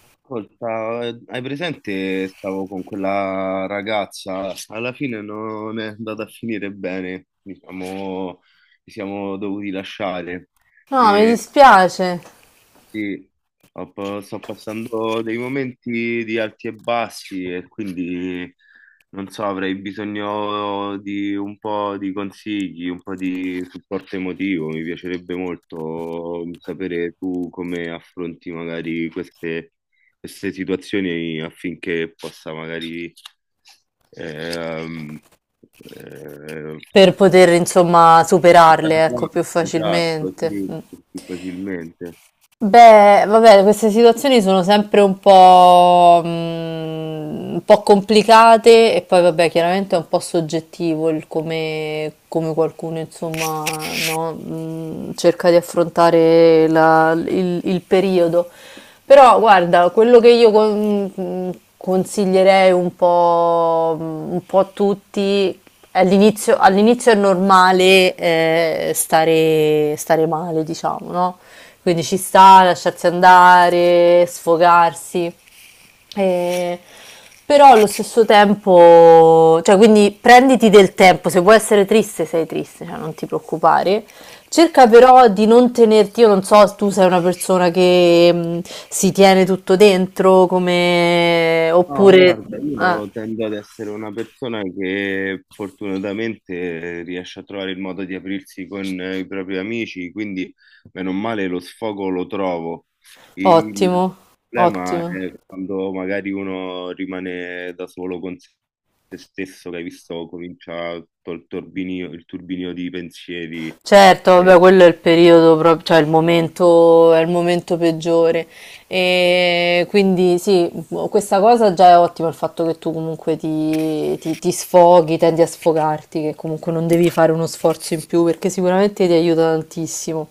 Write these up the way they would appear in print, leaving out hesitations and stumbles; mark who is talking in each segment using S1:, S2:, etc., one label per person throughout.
S1: Ascolta, hai presente? Stavo con quella ragazza, alla fine non è andata a finire bene, diciamo, ci siamo dovuti lasciare.
S2: No, mi dispiace
S1: Sì, sto passando dei momenti di alti e bassi e quindi non so, avrei bisogno di un po' di consigli, un po' di supporto emotivo. Mi piacerebbe molto sapere tu come affronti magari queste situazioni affinché possa magari ehm, eh,
S2: per poter, insomma, superarle,
S1: andare
S2: ecco, più
S1: avanti, esatto,
S2: facilmente.
S1: sì,
S2: Mm.
S1: più facilmente.
S2: Beh, vabbè, queste situazioni sono sempre un po', un po' complicate e poi, vabbè, chiaramente è un po' soggettivo il come, come qualcuno, insomma, no, cerca di affrontare il periodo. Però, guarda, quello che io consiglierei un po', un po' a tutti all'inizio è normale stare male, diciamo, no? Quindi ci sta lasciarsi andare, sfogarsi. E- Però allo stesso tempo, cioè quindi prenditi del tempo, se vuoi essere triste sei triste, cioè non ti preoccupare. Cerca però di non tenerti, io non so, tu sei una persona che si tiene tutto dentro, come
S1: No,
S2: oppure
S1: guarda,
S2: ah,
S1: io tendo ad essere una persona che fortunatamente riesce a trovare il modo di aprirsi con i propri amici, quindi meno male lo sfogo lo trovo.
S2: ottimo,
S1: Il problema
S2: ottimo.
S1: è quando magari uno rimane da solo con se stesso, che hai visto comincia col turbinio, il turbinio di pensieri.
S2: Certo,
S1: eh,
S2: vabbè, quello è il periodo proprio, cioè è il momento peggiore. E quindi sì, questa cosa già è ottima, il fatto che tu comunque ti sfoghi, tendi a sfogarti, che comunque non devi fare uno sforzo in più, perché sicuramente ti aiuta tantissimo.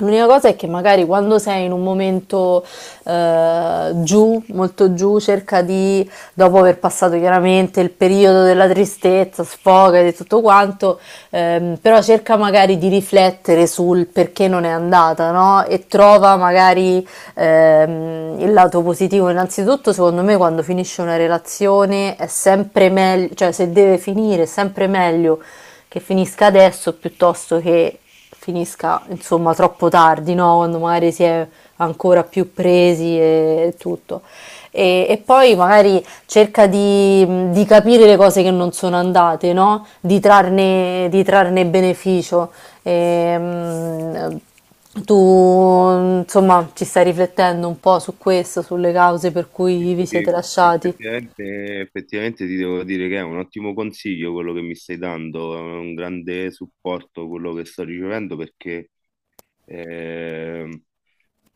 S2: L'unica cosa è che magari quando sei in un momento giù, molto giù, cerca di, dopo aver passato chiaramente il periodo della tristezza, sfoga e tutto quanto, però cerca magari di riflettere sul perché non è andata, no? E trova magari il lato positivo innanzitutto secondo me quando finisce una relazione è sempre meglio, cioè se deve finire è sempre meglio che finisca adesso piuttosto che finisca insomma troppo tardi, no? Quando magari si è ancora più presi e tutto. E poi magari cerca di capire le cose che non sono andate, no? Di, trarne, di trarne beneficio. Ehm, tu, insomma, ci stai riflettendo un po' su questo, sulle cause per
S1: Sì,
S2: cui vi siete
S1: sì,
S2: lasciati?
S1: effettivamente ti devo dire che è un ottimo consiglio quello che mi stai dando, è un grande supporto quello che sto ricevendo perché ehm,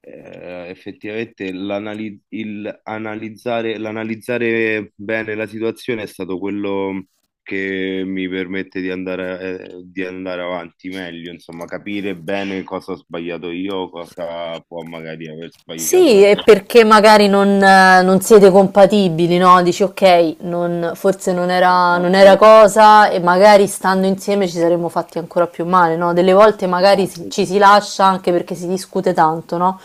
S1: effettivamente l'analizzare bene la situazione è stato quello che mi permette di andare avanti meglio, insomma, capire bene cosa ho sbagliato io, cosa può magari aver sbagliato
S2: Sì, e
S1: l'altra persona.
S2: perché magari non, non siete compatibili, no? Dici, ok, forse non era
S1: Esatto,
S2: cosa e magari stando insieme ci saremmo fatti ancora più male, no? Delle volte magari
S1: esatto.
S2: ci si lascia anche perché si discute tanto, no?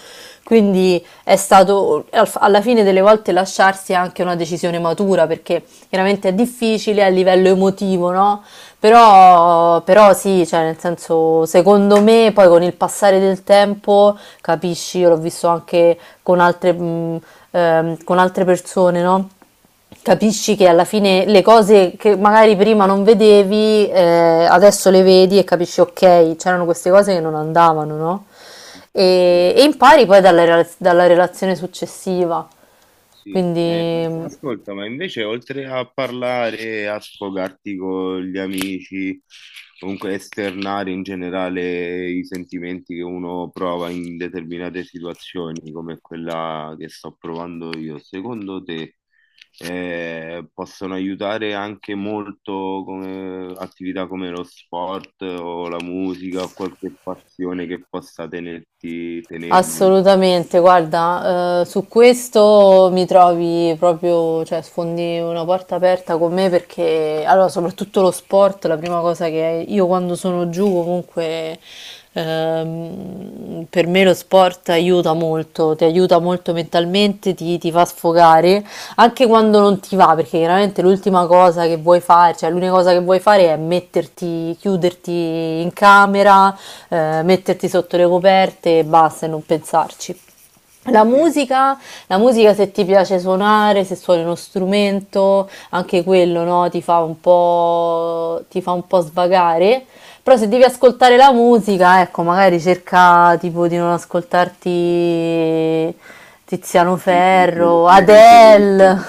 S2: Quindi è stato, alla fine delle volte lasciarsi è anche una decisione matura perché chiaramente è difficile a livello emotivo, no? Però, però sì, cioè nel senso, secondo me poi con il passare del tempo, capisci, io l'ho visto anche con altre, mh, con altre persone, no? Capisci che alla fine le cose che magari prima non vedevi, adesso le vedi e capisci, ok, c'erano queste cose che non andavano, no? E
S1: Mm.
S2: impari poi dalla relazione successiva.
S1: Sì,
S2: Quindi
S1: ma
S2: mm,
S1: ascolta, ma invece oltre a parlare, a sfogarti con gli amici, comunque esternare in generale i sentimenti che uno prova in determinate situazioni, come quella che sto provando io, secondo te possono aiutare anche molto come attività come lo sport o la musica o qualche passione che possa tenermi?
S2: assolutamente, guarda, su questo mi trovi proprio, cioè sfondi una porta aperta con me perché, allora, soprattutto lo sport, la prima cosa che io quando sono giù comunque, per me lo sport aiuta molto, ti aiuta molto mentalmente, ti fa sfogare anche quando non ti va, perché chiaramente l'ultima cosa che vuoi fare, cioè l'unica cosa che vuoi fare è metterti, chiuderti in camera, metterti sotto le coperte e basta e non pensarci. La
S1: Capito?
S2: musica, la musica se ti piace suonare, se suoni uno strumento, anche quello, no, ti fa un po', ti fa un po' svagare. Però se devi ascoltare la musica, ecco, magari cerca tipo di non ascoltarti Tiziano Ferro,
S1: Le canzoni,
S2: Adele.
S1: lunghe,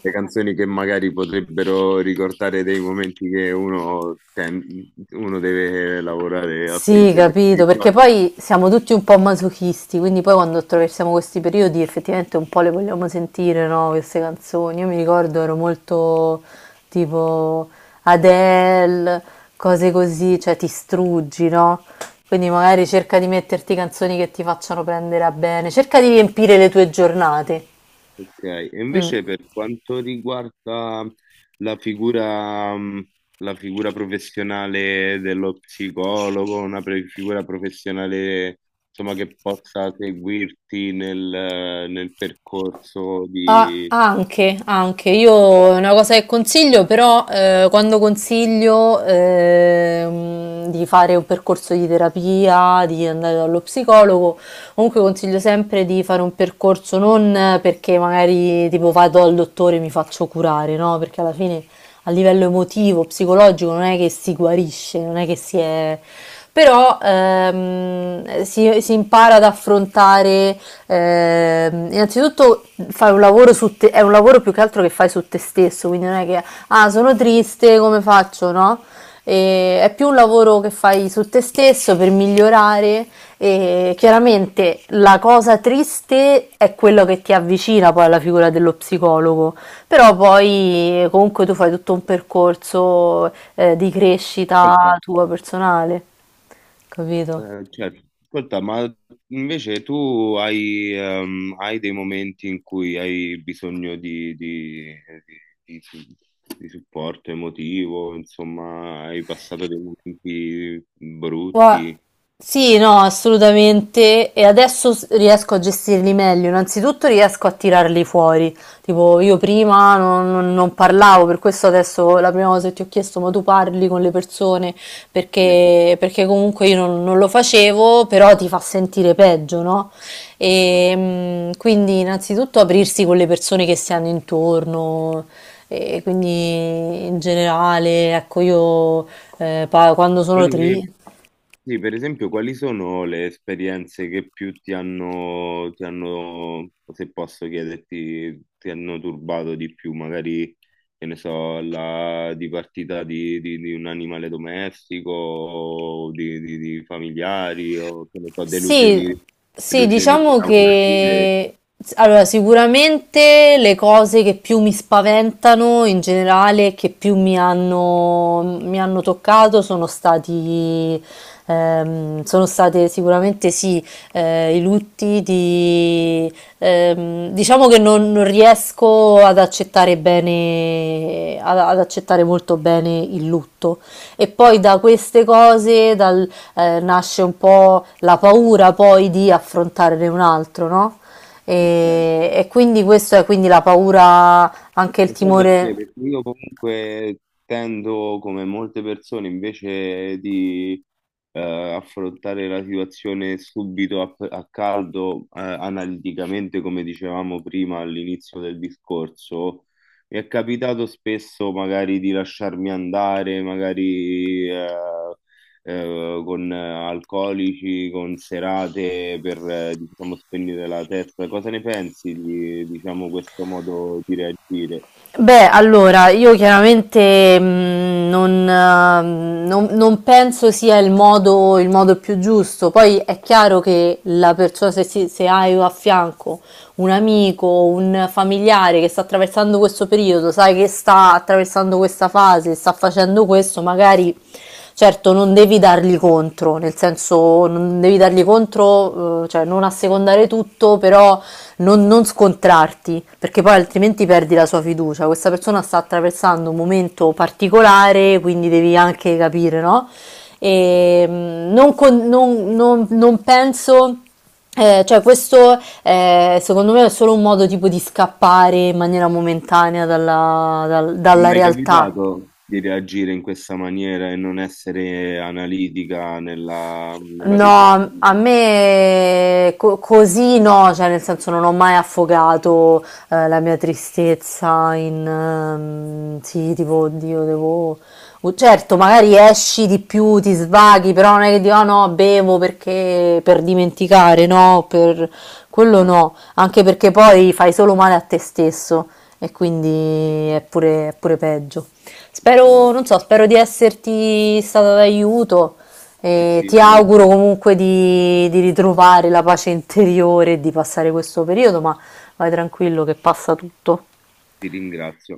S1: le canzoni che magari potrebbero ricordare dei momenti che uno deve lavorare
S2: Sì,
S1: affinché li
S2: capito, perché
S1: ricordi.
S2: poi siamo tutti un po' masochisti, quindi poi quando attraversiamo questi periodi effettivamente un po' le vogliamo sentire, no? Queste canzoni. Io mi ricordo ero molto tipo Adele, cose così, cioè ti struggi, no? Quindi magari cerca di metterti canzoni che ti facciano prendere a bene, cerca di riempire le tue giornate.
S1: Ok, e
S2: Mm.
S1: invece per quanto riguarda la figura, mh, la figura professionale dello psicologo, figura professionale insomma, che possa seguirti nel, nel percorso
S2: Ah,
S1: di...
S2: anche, io è una cosa che consiglio, però quando consiglio di fare un percorso di terapia, di andare dallo psicologo, comunque consiglio sempre di fare un percorso non perché magari tipo vado al dottore e mi faccio curare, no? Perché alla fine a livello emotivo, psicologico non è che si guarisce, non è che si è però si impara ad affrontare innanzitutto fai un lavoro su te, è un lavoro più che altro che fai su te stesso, quindi non è che ah sono triste, come faccio, no? E è più un lavoro che fai su te stesso per migliorare e chiaramente la cosa triste è quello che ti avvicina poi alla figura dello psicologo, però poi comunque tu fai tutto un percorso di crescita tua personale, capito?
S1: Certo. Ascolta, ma invece tu hai, hai dei momenti in cui hai bisogno di, di- di- di supporto emotivo, insomma, hai passato dei momenti
S2: Gua-
S1: brutti.
S2: Sì, no, assolutamente. E adesso riesco a gestirli meglio. Innanzitutto riesco a tirarli fuori. Tipo, io prima non parlavo, per questo adesso la prima cosa che ti ho chiesto, ma tu parli con le persone?
S1: Sì.
S2: Perché, perché comunque io non, non lo facevo, però ti fa sentire peggio, no?
S1: Ma
S2: E, mm, quindi innanzitutto aprirsi con le persone che si hanno intorno. E quindi in generale, ecco, io quando sono triste.
S1: quelli, sì, per esempio, quali sono le esperienze che più ti hanno, se posso chiederti, ti hanno turbato di più? Magari, che ne so, la dipartita di, di un animale domestico, o di, di familiari, o che ne so,
S2: Sì,
S1: delusioni,
S2: sì,
S1: delusioni
S2: diciamo
S1: lavorative.
S2: che allora, sicuramente le cose che più mi spaventano in generale, e che più mi hanno toccato, sono stati, sono state sicuramente sì, i lutti di, diciamo che non, non riesco ad accettare bene, ad accettare molto bene il lutto. E poi da queste cose, dal, nasce un po' la paura poi di affrontare un altro, no?
S1: Ok.
S2: E quindi questo è quindi la paura, anche il
S1: Lo sai perché?
S2: timore.
S1: Perché io comunque tendo, come molte persone, invece di eh, affrontare la situazione subito a, a caldo, analiticamente, come dicevamo prima all'inizio del discorso, mi è capitato spesso magari di lasciarmi andare, magari con alcolici, con serate per, diciamo, spegnere la testa. Cosa ne pensi di, diciamo, questo modo di reagire?
S2: Beh, allora, io chiaramente non penso sia il modo più giusto. Poi è chiaro che la persona, se hai a fianco un amico, un familiare che sta attraversando questo periodo, sai che sta attraversando questa fase, sta facendo questo, magari certo non devi dargli contro, nel senso non devi dargli contro, cioè non assecondare tutto, però non, non scontrarti, perché poi altrimenti perdi la sua fiducia. Questa persona sta attraversando un momento particolare, quindi devi anche capire, no? E mm, non, con- non- non- non penso. Eh, cioè, questo secondo me è solo un modo tipo di scappare in maniera momentanea
S1: Mi è
S2: dalla
S1: mai
S2: realtà.
S1: capitato di reagire in questa maniera e non essere analitica nella, nella
S2: No, a
S1: decisione?
S2: me così no, cioè nel senso non ho mai affogato la mia tristezza in sì, tipo, oddio, devo oh, certo, magari esci di più, ti svaghi, però non è che dico, "Ah, no, bevo perché per dimenticare, no, per quello
S1: Ah,
S2: no", anche perché poi fai solo male a te stesso e quindi è pure peggio. Spero, non so, spero di esserti stato d'aiuto.
S1: sì,
S2: E
S1: sì,
S2: ti auguro
S1: molto.
S2: comunque di ritrovare la pace interiore e di passare questo periodo, ma vai tranquillo che passa tutto.
S1: Ti ringrazio.